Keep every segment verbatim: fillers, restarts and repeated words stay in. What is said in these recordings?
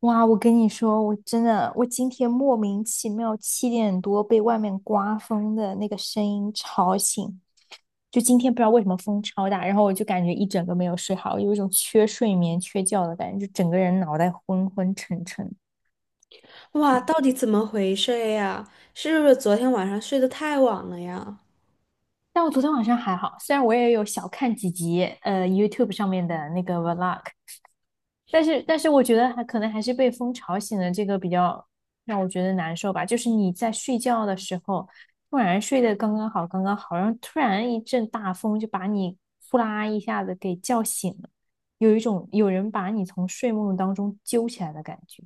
哇，我跟你说，我真的，我今天莫名其妙七点多被外面刮风的那个声音吵醒，就今天不知道为什么风超大，然后我就感觉一整个没有睡好，有一种缺睡眠、缺觉的感觉，就整个人脑袋昏昏沉沉。哇，到底怎么回事呀？是不是昨天晚上睡得太晚了呀？但我昨天晚上还好，虽然我也有小看几集呃 YouTube 上面的那个 vlog，但是，但是我觉得还可能还是被风吵醒了，这个比较让我觉得难受吧。就是你在睡觉的时候，突然睡得刚刚好，刚刚好，然后突然一阵大风就把你呼啦一下子给叫醒了，有一种有人把你从睡梦当中揪起来的感觉。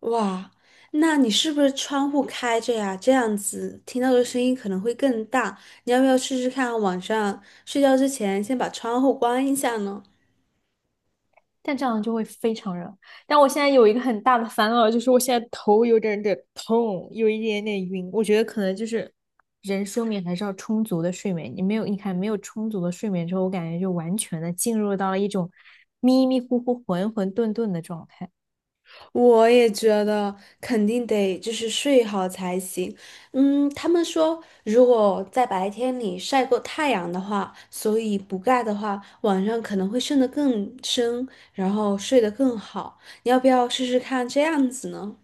哇，那你是不是窗户开着呀？这样子听到的声音可能会更大。你要不要试试看，晚上睡觉之前先把窗户关一下呢？但这样就会非常热。但我现在有一个很大的烦恼，就是我现在头有点点痛，有一点点晕。我觉得可能就是人睡眠还是要充足的睡眠。你没有，你看没有充足的睡眠之后，我感觉就完全的进入到了一种迷迷糊糊、混混沌沌的状态。我也觉得肯定得就是睡好才行。嗯，他们说如果在白天里晒过太阳的话，所以补钙的话，晚上可能会睡得更深，然后睡得更好。你要不要试试看这样子呢？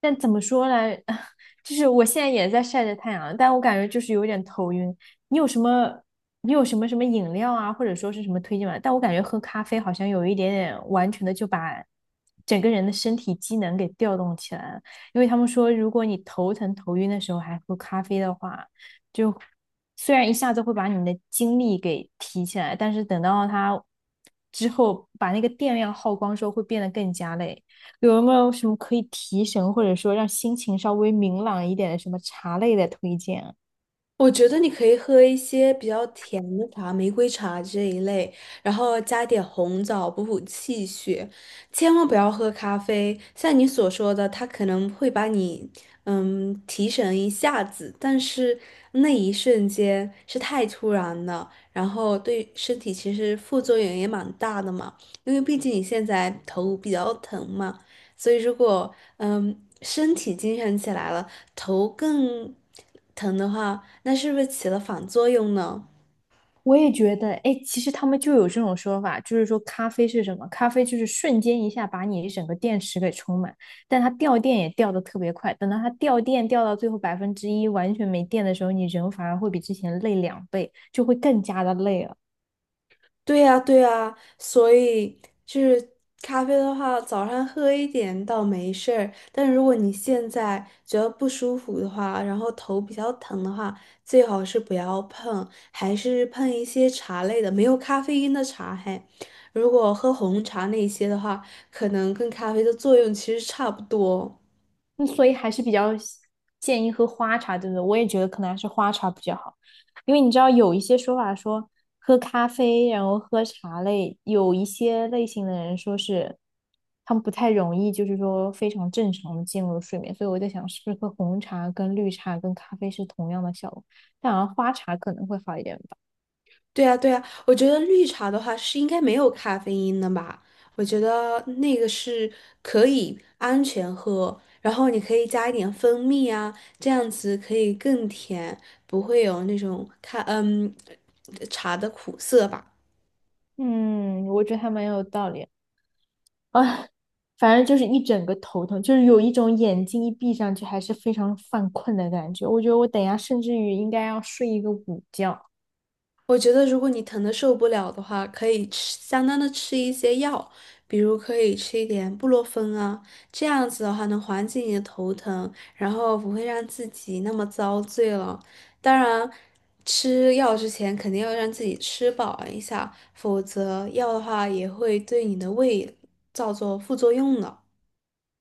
但怎么说呢？就是我现在也在晒着太阳，但我感觉就是有点头晕。你有什么，你有什么什么饮料啊，或者说是什么推荐吗？但我感觉喝咖啡好像有一点点完全的就把整个人的身体机能给调动起来了。因为他们说，如果你头疼头晕的时候还喝咖啡的话，就虽然一下子会把你的精力给提起来，但是等到它之后把那个电量耗光之后，会变得更加累。有没有什么可以提神或者说让心情稍微明朗一点的什么茶类的推荐啊？我觉得你可以喝一些比较甜的茶，玫瑰茶这一类，然后加点红枣补补气血。千万不要喝咖啡，像你所说的，它可能会把你嗯提神一下子，但是那一瞬间是太突然了，然后对身体其实副作用也蛮大的嘛，因为毕竟你现在头比较疼嘛。所以如果嗯身体精神起来了，头更疼的话，那是不是起了反作用呢？我也觉得，哎，其实他们就有这种说法，就是说咖啡是什么？咖啡就是瞬间一下把你整个电池给充满，但它掉电也掉的特别快。等到它掉电掉到最后百分之一完全没电的时候，你人反而会比之前累两倍，就会更加的累了。对呀，对呀，所以就是咖啡的话，早上喝一点倒没事儿，但如果你现在觉得不舒服的话，然后头比较疼的话，最好是不要碰，还是碰一些茶类的，没有咖啡因的茶嘿。如果喝红茶那些的话，可能跟咖啡的作用其实差不多。嗯所以还是比较建议喝花茶，对不对？我也觉得可能还是花茶比较好，因为你知道有一些说法说喝咖啡，然后喝茶类，有一些类型的人说是他们不太容易，就是说非常正常的进入睡眠，所以我在想是不是喝红茶跟绿茶跟咖啡是同样的效果，但好像花茶可能会好一点吧。对啊，对啊，我觉得绿茶的话是应该没有咖啡因的吧？我觉得那个是可以安全喝，然后你可以加一点蜂蜜啊，这样子可以更甜，不会有那种咖嗯茶的苦涩吧。嗯，我觉得还蛮有道理。哎，反正就是一整个头疼，就是有一种眼睛一闭上去还是非常犯困的感觉。我觉得我等一下甚至于应该要睡一个午觉。我觉得如果你疼的受不了的话，可以吃相当的吃一些药，比如可以吃一点布洛芬啊，这样子的话能缓解你的头疼，然后不会让自己那么遭罪了。当然，吃药之前肯定要让自己吃饱一下，否则药的话也会对你的胃造作副作用的。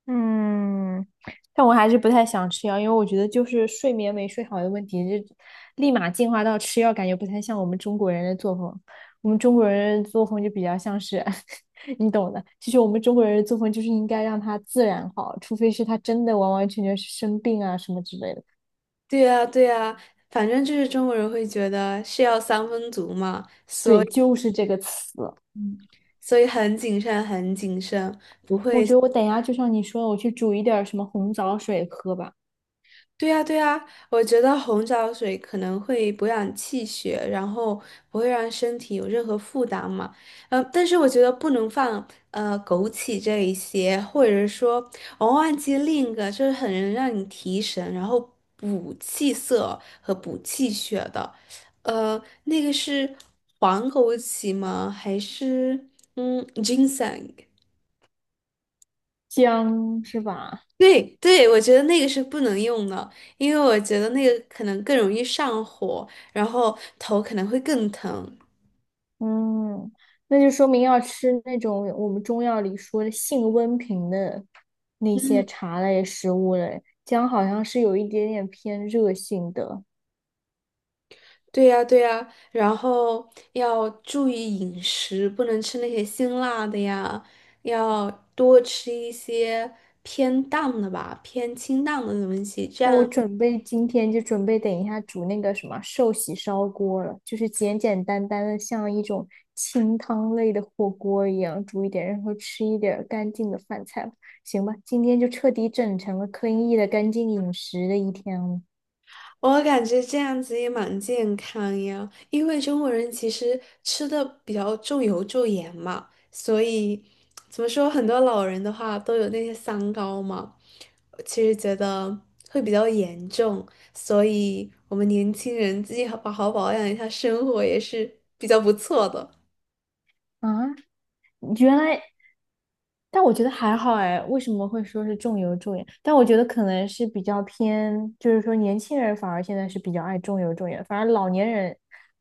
嗯，但我还是不太想吃药，因为我觉得就是睡眠没睡好的问题，就立马进化到吃药，感觉不太像我们中国人的作风。我们中国人的作风就比较像是，你懂的。其实我们中国人的作风就是应该让它自然好，除非是他真的完完全全是生病啊什么之类的。对啊，对啊，反正就是中国人会觉得是药三分毒嘛，对，就是这个词。所以很谨慎，很谨慎。我觉得我等一下就像你说的，我去煮一点儿什么红枣水喝吧，对呀，对呀，我觉得红枣水可能会补养气血，然后不会让身体有任何负担嘛。呃，但是我觉得不能放呃枸杞这一些，或者是说我忘记另一个，就是很能让你提神，然后补气色和补气血的。呃，那个是黄枸杞吗？还是嗯金 i 姜是吧？对对，我觉得那个是不能用的，因为我觉得那个可能更容易上火，然后头可能会更疼。嗯，那就说明要吃那种我们中药里说的性温平的那些嗯，茶类食物嘞。姜好像是有一点点偏热性的。对呀对呀，然后要注意饮食，不能吃那些辛辣的呀，要多吃一些偏淡的吧，偏清淡的东西，这那我样准备今天就准备等一下煮那个什么寿喜烧锅了，就是简简单单的，像一种清汤类的火锅一样煮一点，然后吃一点儿干净的饭菜吧。行吧，今天就彻底整成了 c l e 的干净饮食的一天了。我感觉这样子也蛮健康呀，因为中国人其实吃的比较重油重盐嘛，所以怎么说，很多老人的话都有那些三高嘛，我其实觉得会比较严重，所以我们年轻人自己好好好保养一下生活也是比较不错的。啊，原来但我觉得还好哎，为什么会说是重油重盐？但我觉得可能是比较偏，就是说年轻人反而现在是比较爱重油重盐，反而老年人，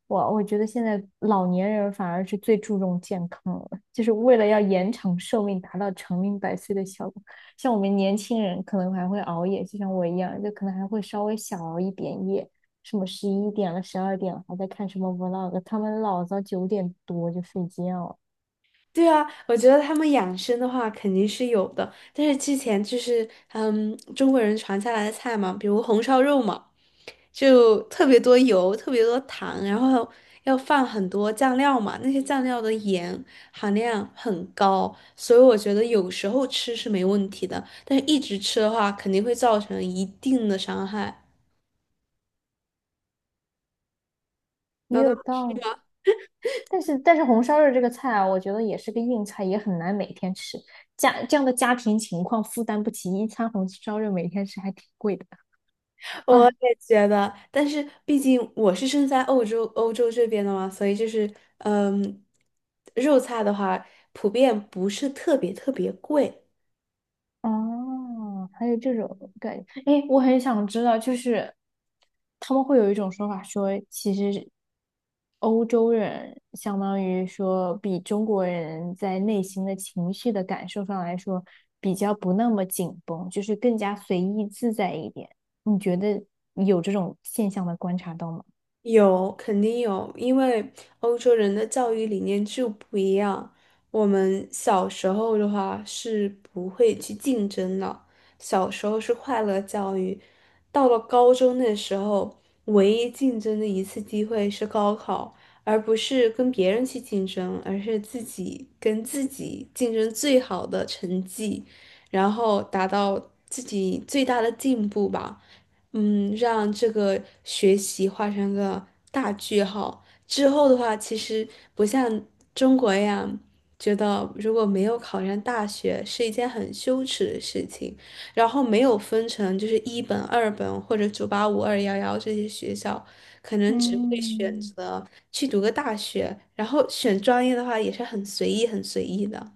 我我觉得现在老年人反而是最注重健康了，就是为了要延长寿命，达到长命百岁的效果。像我们年轻人可能还会熬夜，就像我一样，就可能还会稍微小熬一点夜，什么十一点了、十二点了还在看什么 vlog，他们老早九点多就睡觉了。对啊，我觉得他们养生的话肯定是有的，但是之前就是嗯，中国人传下来的菜嘛，比如红烧肉嘛，就特别多油，特别多糖，然后要放很多酱料嘛，那些酱料的盐含量很高，所以我觉得有时候吃是没问题的，但是一直吃的话肯定会造成一定的伤害。也有那道理。但是但是红烧肉这个菜啊，我觉得也是个硬菜，也很难每天吃。家这样的家庭情况负担不起一餐红烧肉，每天吃还挺贵的我啊。也觉得，但是毕竟我是生在欧洲，欧洲这边的嘛，所以就是，嗯，肉菜的话，普遍不是特别特别贵，哦，还有这种感觉，哎，我很想知道，就是他们会有一种说法说，其实欧洲人相当于说比中国人在内心的情绪的感受上来说，比较不那么紧绷，就是更加随意自在一点。你觉得有这种现象的观察到吗？有，肯定有，因为欧洲人的教育理念就不一样。我们小时候的话是不会去竞争的，小时候是快乐教育，到了高中那时候，唯一竞争的一次机会是高考，而不是跟别人去竞争，而是自己跟自己竞争最好的成绩，然后达到自己最大的进步吧。嗯，让这个学习画上个大句号。之后的话，其实不像中国一样，觉得如果没有考上大学是一件很羞耻的事情，然后没有分成就是一本、二本或者九八五、二幺幺这些学校，可能只会选嗯。择去读个大学，然后选专业的话也是很随意、很随意的。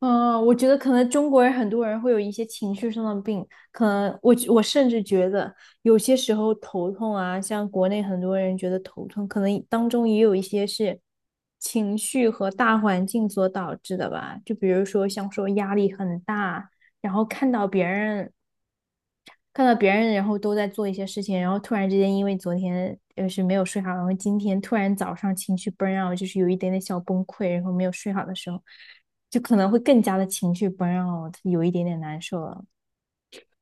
嗯，我觉得可能中国人很多人会有一些情绪上的病，可能我我甚至觉得有些时候头痛啊，像国内很多人觉得头痛，可能当中也有一些是情绪和大环境所导致的吧。就比如说像说压力很大，然后看到别人看到别人然后都在做一些事情，然后突然之间因为昨天呃是没有睡好，然后今天突然早上情绪 burn out，就是有一点点小崩溃，然后没有睡好的时候，就可能会更加的情绪 burn out，有一点点难受了，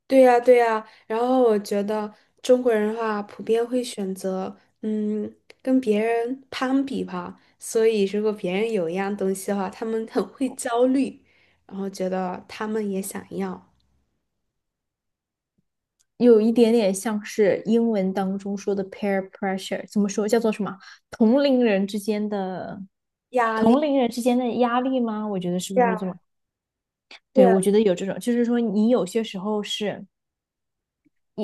对呀，对呀，然后我觉得中国人的话，普遍会选择嗯跟别人攀比吧，所以如果别人有一样东西的话，他们很会焦虑，然后觉得他们也想要，有一点点像是英文当中说的 peer pressure，怎么说叫做什么？同龄人之间的压同力。龄人之间的压力吗？我觉得是不对是呀，这么？对对，啊，我觉得有这种，就是说你有些时候是。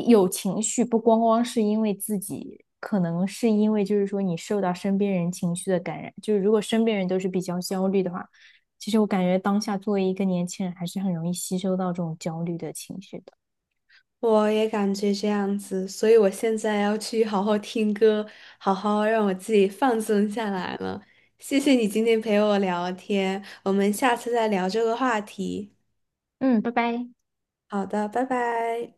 有情绪，不光光是因为自己，可能是因为就是说你受到身边人情绪的感染。就是如果身边人都是比较焦虑的话，其实我感觉当下作为一个年轻人，还是很容易吸收到这种焦虑的情绪的。我也感觉这样子，所以我现在要去好好听歌，好好让我自己放松下来了。谢谢你今天陪我聊天，我们下次再聊这个话题。嗯，拜拜。好的，拜拜。